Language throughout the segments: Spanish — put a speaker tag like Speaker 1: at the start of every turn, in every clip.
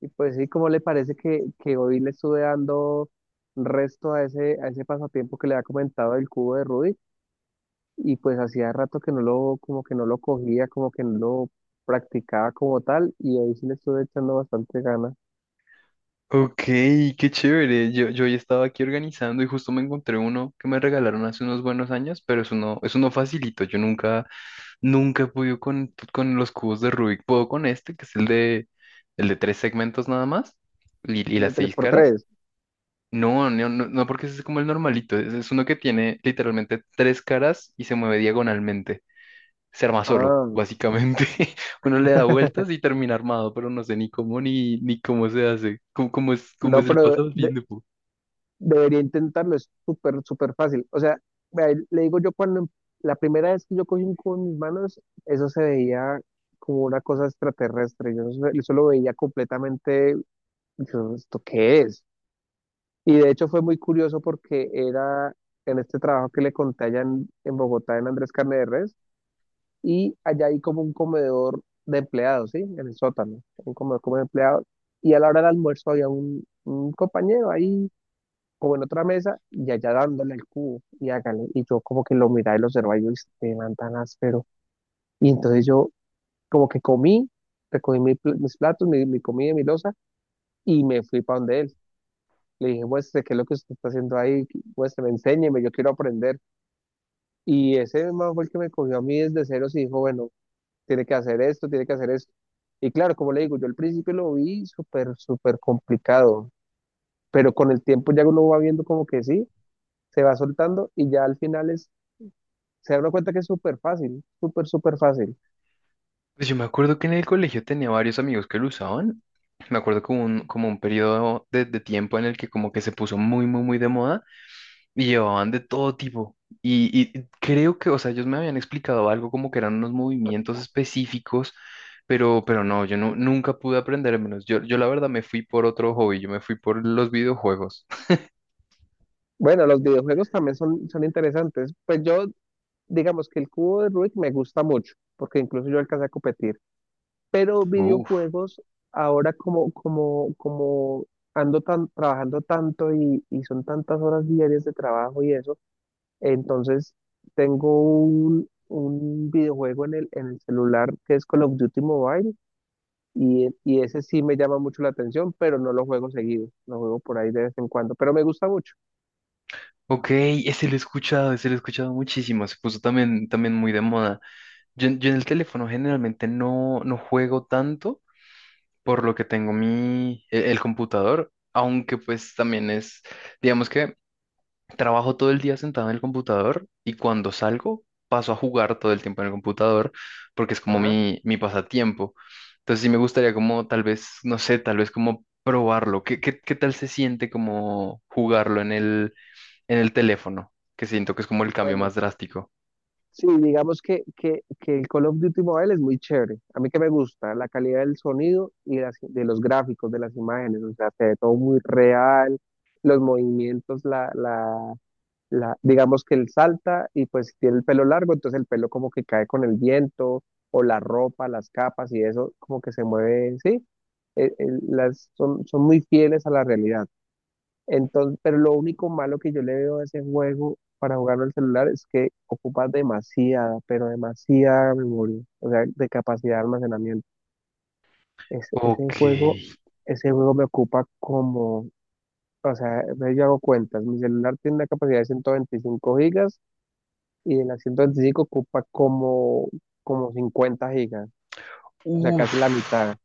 Speaker 1: Y pues sí, ¿cómo le parece que hoy le estuve dando resto a ese pasatiempo que le había comentado del cubo de Rubik? Y pues hacía rato que no lo, como que no lo cogía, como que no lo practicaba como tal, y ahí sí le estuve echando bastante ganas.
Speaker 2: Ok, qué chévere. Yo hoy estaba aquí organizando y justo me encontré uno que me regalaron hace unos buenos años, pero es uno facilito. Yo nunca, nunca he podido con los cubos de Rubik. Puedo con este, que es el de tres segmentos nada más y
Speaker 1: El
Speaker 2: las
Speaker 1: de tres
Speaker 2: seis
Speaker 1: por
Speaker 2: caras.
Speaker 1: tres.
Speaker 2: No, no, no, no, porque ese es como el normalito. Es uno que tiene literalmente tres caras y se mueve diagonalmente, se arma solo,
Speaker 1: Ah.
Speaker 2: básicamente. Uno le da vueltas y termina armado, pero no sé ni cómo ni, ni cómo se hace, cómo, cómo
Speaker 1: No,
Speaker 2: es el
Speaker 1: pero
Speaker 2: pasatiempo.
Speaker 1: debería intentarlo, es súper, súper fácil. O sea, vea, le digo yo la primera vez que yo cogí un cubo en mis manos, eso se veía como una cosa extraterrestre. Yo eso lo veía completamente. Yo, ¿esto qué es? Y de hecho fue muy curioso porque era en este trabajo que le conté allá en Bogotá, en Andrés Carne de Res, y allá hay como un comedor de empleados, ¿sí? En el sótano, un comedor como de empleados. Y a la hora del almuerzo había un compañero ahí, como en otra mesa, y allá dándole el cubo, y hágale. Y yo como que lo miraba y lo observaba, y yo, este man tan áspero. Y entonces yo como que comí, recogí mis platos, mi comida, y mi loza, y me fui para donde él. Le dije, muestre, ¿qué es lo que usted está haciendo ahí? Muestre, enséñeme, yo quiero aprender. Y ese man fue el que me cogió a mí desde ceros y dijo, bueno, tiene que hacer esto, tiene que hacer esto. Y claro, como le digo, yo al principio lo vi súper, súper complicado, pero con el tiempo ya uno va viendo como que sí, se va soltando y ya al final es, se da uno cuenta que es súper fácil, súper, súper fácil.
Speaker 2: Pues yo me acuerdo que en el colegio tenía varios amigos que lo usaban. Me acuerdo como un periodo de tiempo en el que como que se puso muy, muy, muy de moda y llevaban de todo tipo. Y, y creo que, o sea, ellos me habían explicado algo como que eran unos movimientos específicos, pero no, yo no, nunca pude aprender menos. Yo la verdad me fui por otro hobby, yo me fui por los videojuegos.
Speaker 1: Bueno, los videojuegos también son interesantes. Pues yo, digamos que el cubo de Rubik me gusta mucho, porque incluso yo alcancé a competir. Pero
Speaker 2: Uf,
Speaker 1: videojuegos ahora como ando trabajando tanto y son tantas horas diarias de trabajo y eso, entonces tengo un videojuego en el celular, que es Call of Duty Mobile, y ese sí me llama mucho la atención, pero no lo juego seguido, lo juego por ahí de vez en cuando, pero me gusta mucho.
Speaker 2: ok, ese lo he escuchado, ese lo he escuchado muchísimo, se puso también, también muy de moda. Yo en el teléfono generalmente no, no juego tanto, por lo que tengo mi, el, computador, aunque pues también es, digamos que trabajo todo el día sentado en el computador y cuando salgo paso a jugar todo el tiempo en el computador porque es como
Speaker 1: Ajá.
Speaker 2: mi pasatiempo. Entonces sí me gustaría como tal vez, no sé, tal vez como probarlo. ¿Qué, qué, qué tal se siente como jugarlo en el teléfono, que siento que es como el cambio más
Speaker 1: Bueno.
Speaker 2: drástico?
Speaker 1: Sí, digamos que el Call of Duty Mobile es muy chévere. A mí que me gusta la calidad del sonido y de los gráficos, de las imágenes. O sea, se ve todo muy real, los movimientos, digamos que él salta y pues si tiene el pelo largo, entonces el pelo como que cae con el viento o la ropa, las capas y eso como que se mueve, sí. Son muy fieles a la realidad. Entonces, pero lo único malo que yo le veo a ese juego para jugarlo en el celular es que ocupa demasiada, pero demasiada memoria, o sea, de capacidad de almacenamiento. Ese,
Speaker 2: Ok,
Speaker 1: ese juego, ese juego me ocupa o sea, entonces yo hago cuentas, mi celular tiene una capacidad de 125 gigas y en las 125 ocupa como, 50 gigas, o sea, casi la
Speaker 2: uff,
Speaker 1: mitad.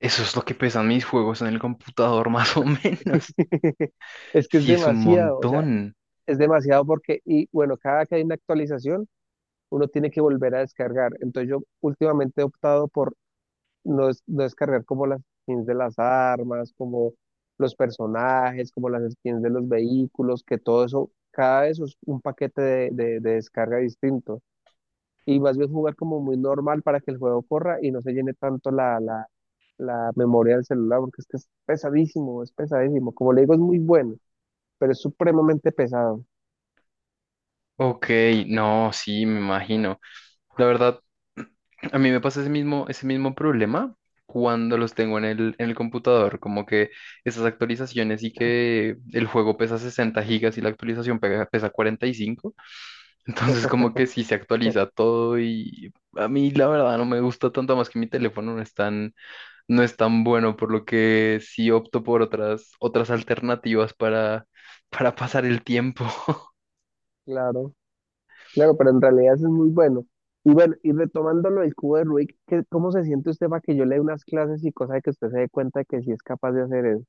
Speaker 2: eso es lo que pesan mis juegos en el computador, más o menos.
Speaker 1: Es que es
Speaker 2: Sí, es un
Speaker 1: demasiado, o sea,
Speaker 2: montón.
Speaker 1: es demasiado porque, y bueno, cada que hay una actualización, uno tiene que volver a descargar. Entonces yo últimamente he optado por no, no descargar como las skins de las armas, como los personajes, como las skins de los vehículos, que todo eso, cada eso es un paquete de descarga distinto. Y más bien jugar como muy normal para que el juego corra y no se llene tanto la memoria del celular, porque es que es pesadísimo, es pesadísimo. Como le digo, es muy bueno, pero es supremamente pesado.
Speaker 2: Ok, no, sí, me imagino. La verdad, a mí me pasa ese mismo problema cuando los tengo en el computador, como que esas actualizaciones y que el juego pesa 60 gigas y la actualización pesa 45. Entonces como que sí se actualiza todo y a mí la verdad no me gusta tanto más que mi teléfono no es tan, no es tan bueno, por lo que sí opto por otras, otras alternativas para, para pasar el tiempo.
Speaker 1: Claro. Claro, pero en realidad eso es muy bueno. Y bueno, y retomando lo del cubo de Rubik, ¿cómo se siente usted para que yo le dé unas clases, y cosa de que usted se dé cuenta de que sí es capaz de hacer eso?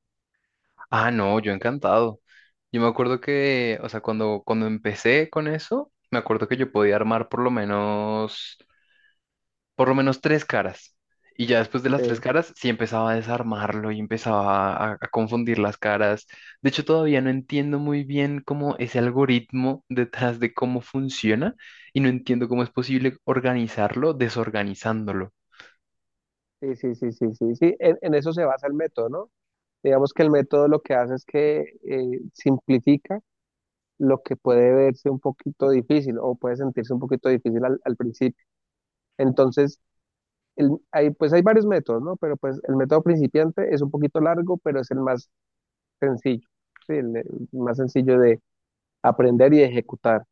Speaker 2: Ah, no, yo encantado. Yo me acuerdo que, o sea, cuando, cuando empecé con eso, me acuerdo que yo podía armar por lo menos, por lo menos tres caras. Y ya después de las
Speaker 1: Sí,
Speaker 2: tres caras, sí empezaba a desarmarlo y empezaba a confundir las caras. De hecho, todavía no entiendo muy bien cómo ese algoritmo detrás de cómo funciona, y no entiendo cómo es posible organizarlo desorganizándolo.
Speaker 1: sí, sí, sí, sí, sí, sí. En eso se basa el método, ¿no? Digamos que el método lo que hace es que simplifica lo que puede verse un poquito difícil o puede sentirse un poquito difícil al principio. Entonces, pues hay varios métodos, ¿no? Pero pues el método principiante es un poquito largo, pero es el más sencillo. Sí, el más sencillo de aprender y ejecutar.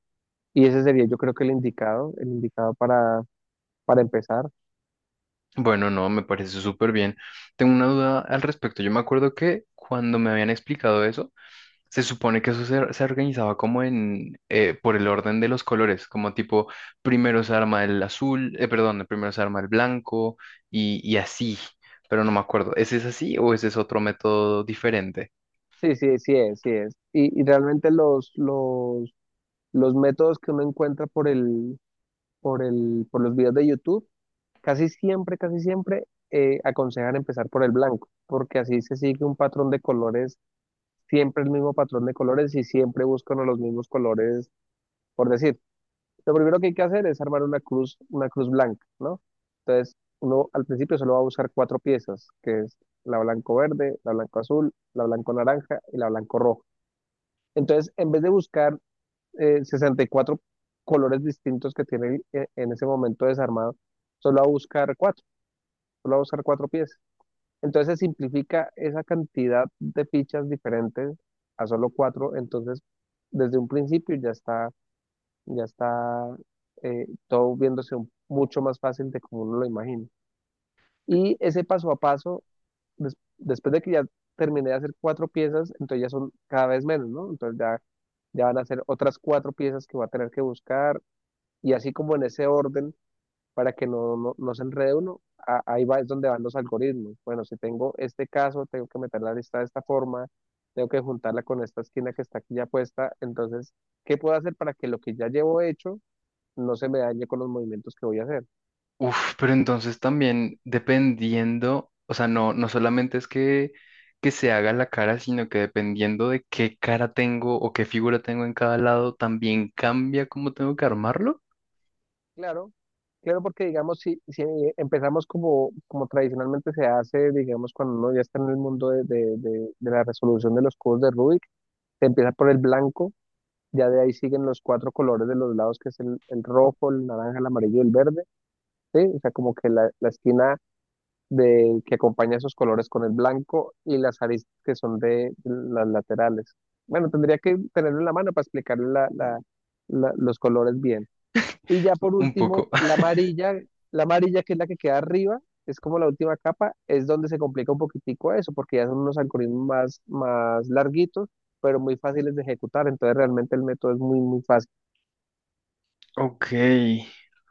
Speaker 1: Y ese sería, yo creo, que el indicado para empezar.
Speaker 2: Bueno, no, me parece súper bien. Tengo una duda al respecto. Yo me acuerdo que cuando me habían explicado eso, se supone que eso se, se organizaba como en, por el orden de los colores, como tipo, primero se arma el azul, perdón, primero se arma el blanco y así, pero no me acuerdo, ¿ese es así o ese es otro método diferente?
Speaker 1: Sí, sí, sí es, sí es. Y realmente los métodos que uno encuentra por los videos de YouTube, casi siempre aconsejan empezar por el blanco, porque así se sigue un patrón de colores, siempre el mismo patrón de colores y siempre buscan los mismos colores, por decir. Lo primero que hay que hacer es armar una cruz blanca, ¿no? Entonces, uno al principio solo va a buscar cuatro piezas, que es la blanco verde, la blanco azul, la blanco naranja y la blanco rojo. Entonces, en vez de buscar 64 colores distintos que tiene en ese momento desarmado, solo va a buscar cuatro, solo va a buscar cuatro piezas. Entonces, se simplifica esa cantidad de fichas diferentes a solo cuatro, entonces desde un principio ya está todo viéndose mucho más fácil de como uno lo imagina. Y ese paso a paso, después de que ya terminé de hacer cuatro piezas, entonces ya son cada vez menos, ¿no? Entonces ya van a ser otras cuatro piezas que va a tener que buscar, y así como en ese orden para que no, no, no se enrede uno. A ahí va, es donde van los algoritmos. Bueno, si tengo este caso, tengo que meter la lista de esta forma, tengo que juntarla con esta esquina que está aquí ya puesta, entonces, ¿qué puedo hacer para que lo que ya llevo hecho no se me dañe con los movimientos que voy a hacer?
Speaker 2: Uf, pero entonces también dependiendo, o sea, no, no solamente es que se haga la cara, sino que dependiendo de qué cara tengo o qué figura tengo en cada lado, también cambia cómo tengo que armarlo.
Speaker 1: Claro, claro, porque digamos, si empezamos como, como tradicionalmente se hace, digamos, cuando uno ya está en el mundo de la resolución de los cubos de Rubik, se empieza por el blanco. Ya de ahí siguen los cuatro colores de los lados, que es el rojo, el naranja, el amarillo y el verde, ¿sí? O sea, como que la esquina de, que acompaña esos colores con el blanco, y las aristas que son de las laterales. Bueno, tendría que tenerlo en la mano para explicarle los colores bien. Y ya por
Speaker 2: Un
Speaker 1: último,
Speaker 2: poco.
Speaker 1: la amarilla que es la que queda arriba, es como la última capa, es donde se complica un poquitico eso, porque ya son unos algoritmos más, más larguitos, pero muy fáciles de ejecutar. Entonces realmente el método es muy, muy fácil.
Speaker 2: Ok,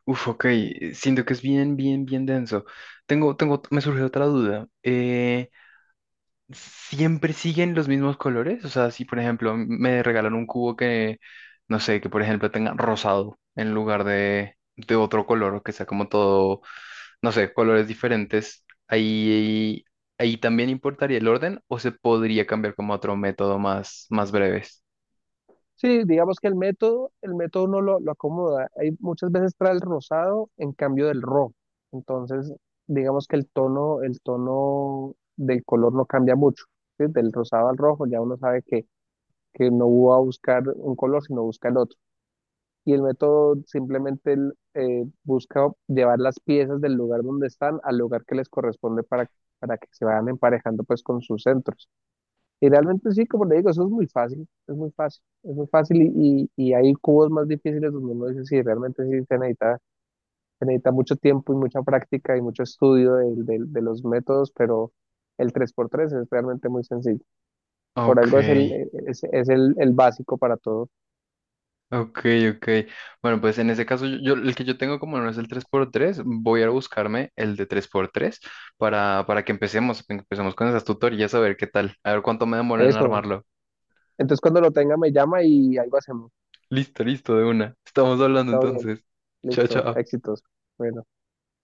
Speaker 2: uf, ok, siento que es bien, bien, bien denso. Tengo, tengo, me surge otra duda. ¿Siempre siguen los mismos colores? O sea, si por ejemplo me regalan un cubo que, no sé, que por ejemplo tenga rosado en lugar de otro color, que sea como todo, no sé, colores diferentes, ahí, ahí también importaría el orden o se podría cambiar como a otro método más, más breves.
Speaker 1: Sí, digamos que el método uno lo acomoda. Hay muchas veces trae el rosado en cambio del rojo. Entonces, digamos que el tono del color no cambia mucho. ¿Sí? Del rosado al rojo ya uno sabe que no va a buscar un color, sino busca el otro. Y el método simplemente busca llevar las piezas del lugar donde están al lugar que les corresponde para que se vayan emparejando pues con sus centros. Y realmente sí, como le digo, eso es muy fácil, es muy fácil, es muy fácil, y hay cubos más difíciles donde uno dice, sí, realmente sí se necesita mucho tiempo y mucha práctica y mucho estudio de los métodos, pero el tres por tres es realmente muy sencillo. Por
Speaker 2: Ok.
Speaker 1: algo es el básico para todo
Speaker 2: Ok, ok. Bueno, pues en ese caso, yo, el que yo tengo como no es el tres por tres, voy a buscarme el de tres por tres para que empecemos con esas tutorías a ver qué tal, a ver cuánto me demora en
Speaker 1: eso.
Speaker 2: armarlo.
Speaker 1: Entonces cuando lo tenga me llama y algo hacemos.
Speaker 2: Listo, listo, de una. Estamos hablando
Speaker 1: Todo bien.
Speaker 2: entonces. Chao,
Speaker 1: Listo.
Speaker 2: chao.
Speaker 1: Éxitos. Bueno.